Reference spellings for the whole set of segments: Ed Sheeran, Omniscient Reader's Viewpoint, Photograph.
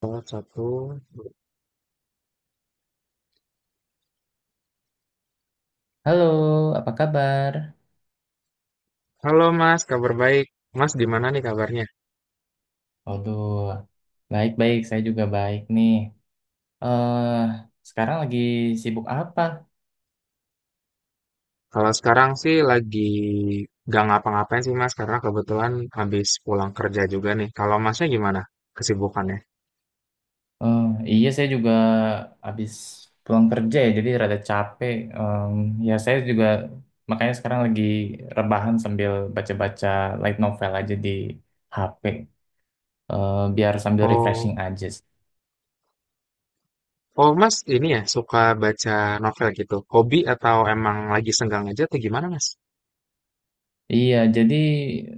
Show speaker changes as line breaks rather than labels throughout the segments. Salah satu.
Halo, apa kabar?
Halo Mas, kabar baik. Mas, gimana nih kabarnya?
Waduh, baik-baik. Saya juga baik nih. Eh, Sekarang lagi sibuk apa?
Kalau sekarang sih lagi gak ngapa-ngapain sih Mas, karena kebetulan habis pulang kerja juga nih. Kalau Masnya gimana kesibukannya?
Eh, iya, saya juga habis pulang kerja ya, jadi rada capek. Ya, saya juga makanya sekarang lagi rebahan sambil baca-baca light novel aja di HP. Biar sambil refreshing
Oh,
aja.
oh, Mas ini ya suka baca novel gitu. Hobi atau emang lagi senggang aja atau gimana Mas?
Iya, jadi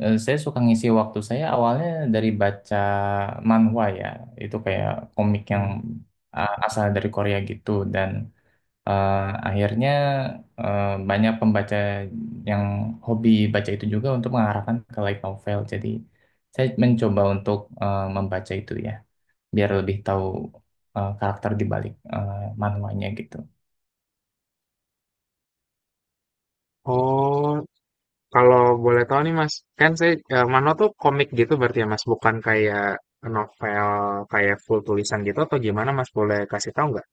saya suka ngisi waktu saya awalnya dari baca manhwa ya, itu kayak komik yang
Hmm.
asal dari Korea gitu dan eh, akhirnya eh, banyak pembaca yang hobi baca itu juga untuk mengarahkan ke light novel. Jadi saya mencoba untuk membaca itu ya, biar lebih tahu karakter di balik manhwanya gitu.
Oh, kalau boleh tahu nih Mas, kan saya Mano tuh komik gitu berarti ya Mas, bukan kayak novel kayak full tulisan gitu atau gimana Mas? Boleh kasih tahu nggak?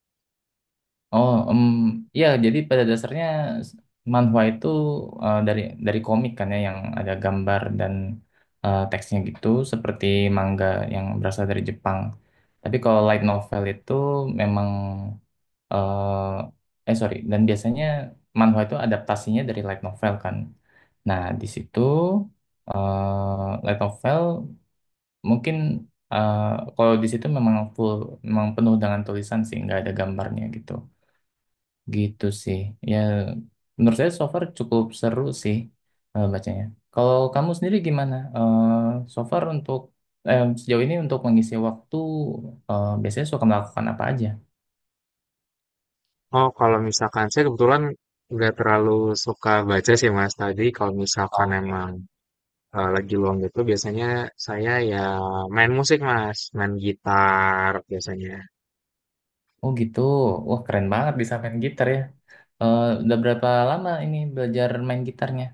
Oh, ya. Jadi pada dasarnya s- manhwa itu eh, dari dari komik kan ya, yang ada gambar dan teksnya gitu, seperti manga yang berasal dari Jepang. Tapi kalau light novel itu memang sorry, dan biasanya manhwa itu adaptasinya dari light novel kan. Nah, di situ light novel mungkin eh, kalau di situ memang full, memang penuh dengan tulisan sih, nggak ada gambarnya gitu. Gitu sih. Ya, menurut saya so far cukup seru sih bacanya. Kalau kamu sendiri gimana? So far untuk sejauh ini untuk mengisi waktu biasanya suka melakukan apa aja?
Oh, kalau misalkan saya kebetulan nggak terlalu suka baca sih Mas tadi. Kalau misalkan
Oke.
emang lagi luang gitu, biasanya saya ya main musik Mas, main gitar biasanya.
Oh gitu. Wah keren banget bisa main gitar ya. Eh udah berapa lama ini belajar main gitarnya?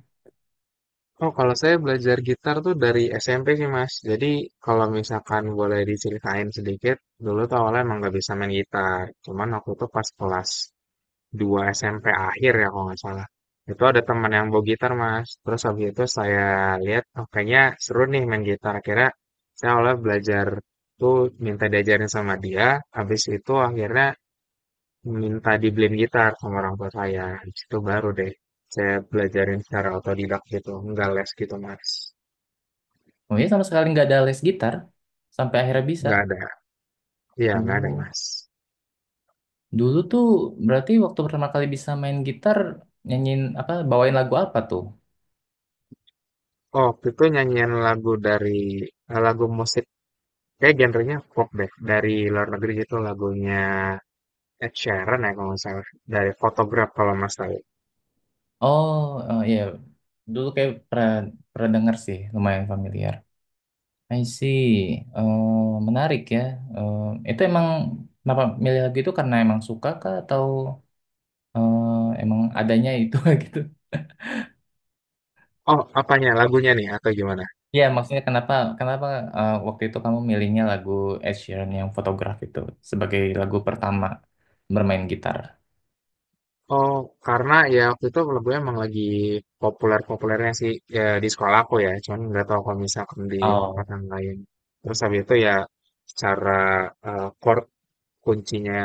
Oh, kalau saya belajar gitar tuh dari SMP sih Mas. Jadi kalau misalkan boleh diceritain sedikit, dulu tuh awalnya emang nggak bisa main gitar. Cuman aku tuh pas kelas dua SMP akhir ya kalau nggak salah. Itu ada teman yang bawa gitar mas. Terus habis itu saya lihat, oh kayaknya seru nih main gitar. Akhirnya saya oleh belajar tuh minta diajarin sama dia. Habis itu akhirnya minta dibeliin gitar sama orang tua saya. Habis itu baru deh saya belajarin secara otodidak gitu. Nggak les gitu mas.
Oh ya sama sekali nggak ada les gitar sampai akhirnya bisa.
Nggak ada. Iya nggak ada
Oh,
mas.
dulu tuh berarti waktu pertama kali bisa main gitar nyanyiin apa bawain lagu apa tuh?
Oh, waktu itu nyanyian lagu dari lagu musik kayak genrenya pop deh dari luar negeri itu lagunya Ed Sheeran ya kalau nggak salah dari Photograph kalau Mas tahu.
Oh, iya. Dulu kayak pernah dengar sih, lumayan familiar. I see. Eh, Menarik ya. Eh, itu emang kenapa milih lagu itu karena emang suka kah atau emang adanya itu gitu?
Oh, apanya lagunya nih atau gimana?
Ya, maksudnya kenapa kenapa waktu itu kamu milihnya lagu Ed Sheeran yang Photograph itu sebagai lagu pertama bermain gitar?
Oh, karena ya waktu itu lagunya emang lagi populer-populernya sih ya, di sekolah aku ya. Cuman nggak tahu kalau misalkan di tempat yang lain. Terus habis itu ya secara chord kuncinya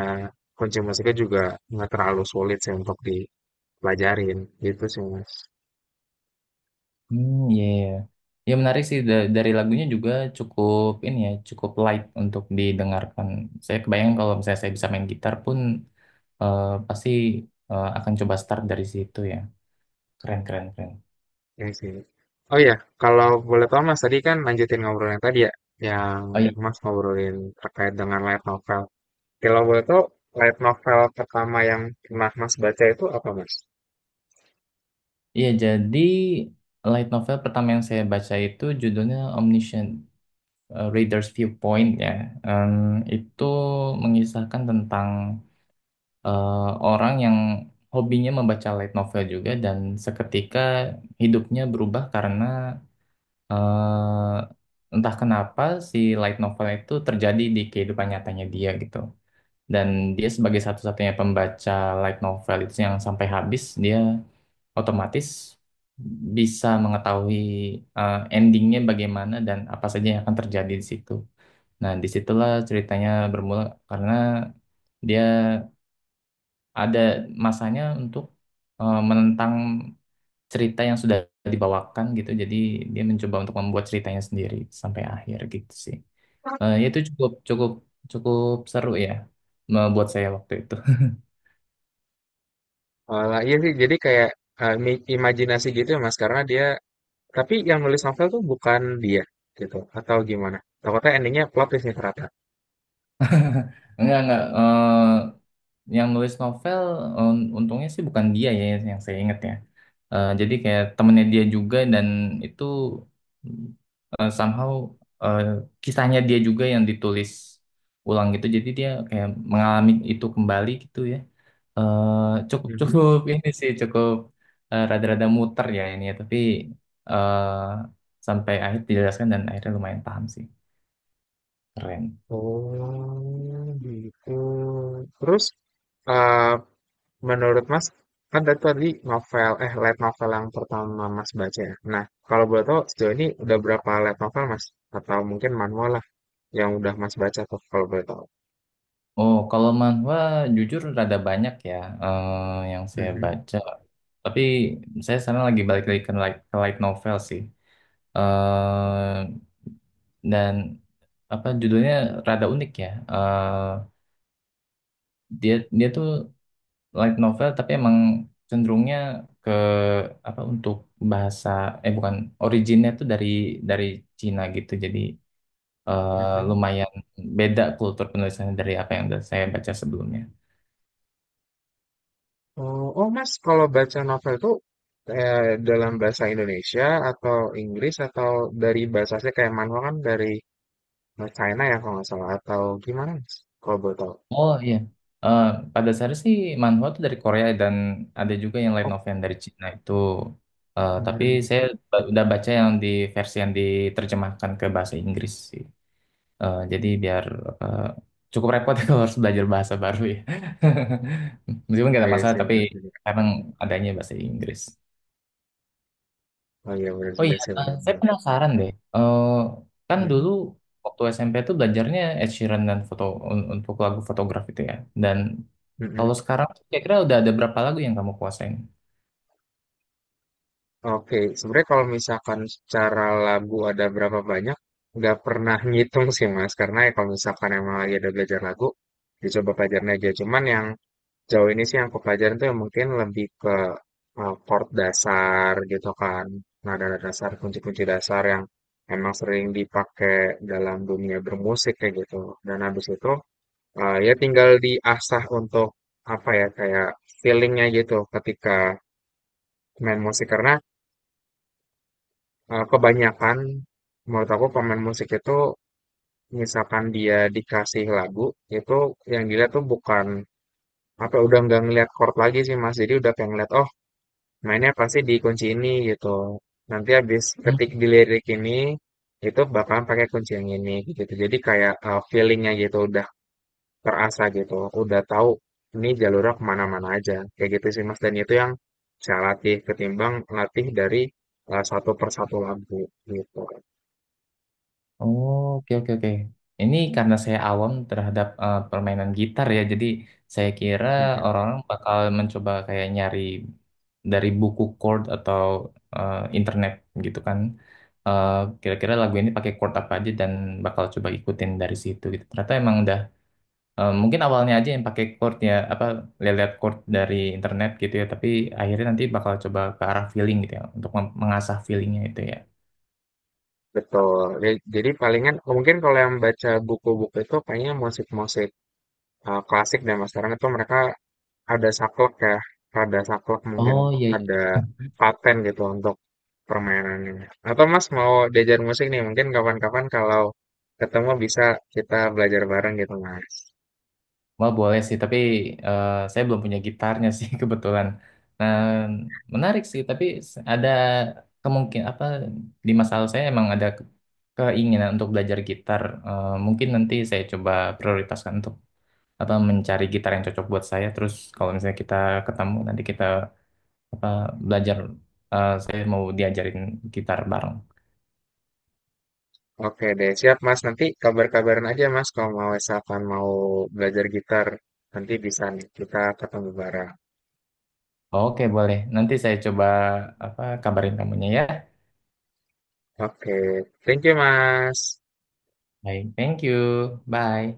kunci musiknya juga nggak terlalu sulit sih untuk dipelajarin gitu sih Mas.
Hmm, ya, iya. Ya menarik sih dari lagunya juga cukup ini ya, cukup light untuk didengarkan. Saya kebayang kalau misalnya saya bisa main gitar pun pasti akan coba start dari situ ya. Keren, keren, keren.
Ya sih. Oh iya, kalau boleh tahu Mas tadi kan lanjutin ngobrol yang tadi ya yang
Oh iya.
Mas ngobrolin terkait dengan light novel. Kalau boleh tahu, light novel pertama yang pernah Mas baca itu apa, Mas?
Iya, jadi light novel pertama yang saya baca itu judulnya Omniscient Reader's Viewpoint ya. Em, itu mengisahkan tentang eh, orang yang hobinya membaca light novel juga dan seketika hidupnya berubah karena entah kenapa si light novel itu terjadi di kehidupan nyatanya dia gitu. Dan dia sebagai satu-satunya pembaca light novel itu yang sampai habis, dia otomatis bisa mengetahui endingnya bagaimana dan apa saja yang akan terjadi di situ. Nah, disitulah ceritanya bermula karena dia ada masanya untuk menentang cerita yang sudah dibawakan gitu. Jadi dia mencoba untuk membuat ceritanya sendiri sampai akhir gitu sih. Ya itu cukup cukup cukup seru ya membuat saya waktu itu.
Malah iya sih, jadi kayak imajinasi gitu ya, Mas, karena dia tapi yang nulis novel tuh bukan dia gitu atau gimana? Takutnya endingnya plot twist nih ternyata.
Enggak. Yang nulis novel untungnya sih bukan dia ya yang saya ingat ya. Jadi kayak temennya dia juga dan itu somehow eh, kisahnya dia juga yang ditulis ulang gitu. Jadi dia kayak mengalami itu kembali gitu ya. Eh cukup
Mhm.
cukup ini sih cukup rada-rada muter ya ini ya. Tapi eh sampai akhir dijelaskan dan akhirnya lumayan paham sih. Keren.
Oh, gitu. Terus eh, menurut Mas, kan tadi tadi novel, eh light novel yang pertama Mas baca ya. Nah, kalau boleh tahu sejauh ini udah berapa light novel Mas? Atau mungkin manual lah yang udah Mas baca tuh kalau boleh tahu.
Oh, kalau manhwa jujur rada banyak ya eh, yang saya
Mhm,
baca. Tapi saya sekarang lagi balik lagi ke light novel sih. eh dan apa judulnya rada unik ya. Dia dia tuh light novel tapi emang cenderungnya ke apa untuk bahasa bukan originnya tuh dari Cina gitu. Jadi eh,
mhm.
lumayan beda kultur penulisannya dari apa yang udah saya baca sebelumnya.
Oh, Mas, kalau baca novel tuh eh, dalam bahasa Indonesia atau Inggris atau dari bahasanya kayak manual kan dari China ya kalau nggak salah atau gimana Mas? Kalau boleh tahu.
Oh iya. Eh, Pada dasarnya sih manhwa itu dari Korea dan ada juga yang light
Oh,
novel yang dari Cina itu. Tapi
mhm.
saya udah baca yang di versi yang diterjemahkan ke bahasa Inggris sih. Jadi biar eh, cukup repot ya kalau harus belajar bahasa baru ya. Meskipun gak
Oh,
ada
iya
masalah,
sih,
tapi
benar juga.
kadang adanya bahasa Inggris.
Oh iya benar
Oh
juga
iya,
sih
saya
benar-benar.
penasaran deh. Eh, Kan dulu
Mhm,
waktu SMP itu belajarnya Ed Sheeran dan foto untuk lagu fotograf itu ya. Dan
mhm.
kalau sekarang tuh kira-kira udah ada berapa lagu yang kamu kuasain?
Oke, sebenarnya kalau misalkan secara lagu ada berapa banyak, nggak pernah ngitung sih Mas, karena ya kalau misalkan emang lagi ada belajar lagu, dicoba pelajarin aja. Cuman yang jauh ini sih yang aku pelajarin tuh yang mungkin lebih ke chord dasar gitu kan, nada-nada dasar, kunci-kunci dasar yang emang sering dipakai dalam dunia bermusik kayak gitu. Dan habis itu ya tinggal diasah untuk apa ya kayak feelingnya gitu ketika main musik karena kebanyakan menurut aku pemain musik itu misalkan dia dikasih lagu itu yang dilihat tuh bukan apa ya, udah nggak ngeliat chord lagi sih Mas jadi udah pengen ngeliat oh mainnya pasti di kunci ini gitu nanti habis ketik di lirik ini itu bakalan pakai kunci yang ini gitu jadi kayak feelingnya gitu udah terasa gitu udah tahu ini jalurnya kemana-mana aja kayak gitu sih Mas dan itu yang saya latih ketimbang latih dari satu persatu lagu gitu.
Oh, oke oke oke. Ini karena saya awam terhadap permainan gitar ya, jadi saya kira
Hmm.
orang-orang bakal mencoba kayak nyari dari buku chord atau internet gitu kan. Eh, Kira-kira lagu ini pakai chord apa aja dan bakal coba ikutin dari situ gitu. Ternyata emang udah mungkin awalnya aja yang pakai chord ya apa lihat chord dari internet gitu ya, tapi akhirnya nanti bakal coba ke arah feeling gitu ya untuk mengasah feelingnya itu ya.
Betul. Ya, jadi palingan mungkin kalau yang baca buku-buku itu kayaknya musik-musik klasik dan mas sekarang itu mereka ada saklek ya, ada saklek mungkin
Oh iya.
ada paten gitu untuk permainannya. Atau mas mau diajar musik nih mungkin kapan-kapan kalau ketemu bisa kita belajar bareng gitu mas.
Wah boleh sih, tapi saya belum punya gitarnya sih kebetulan. Nah, menarik sih, tapi ada kemungkinan apa di masa lalu saya emang ada keinginan untuk belajar gitar. Mungkin nanti saya coba prioritaskan untuk apa mencari gitar yang cocok buat saya. Terus kalau misalnya kita ketemu nanti kita apa belajar, saya mau diajarin gitar bareng.
Oke deh, siap mas. Nanti kabar-kabaran aja mas kalau mau misalkan mau belajar gitar nanti bisa nih kita ketemu bareng.
Oke boleh, nanti saya coba apa kabarin kamunya ya.
Oke, thank you mas.
Baik, thank you, bye.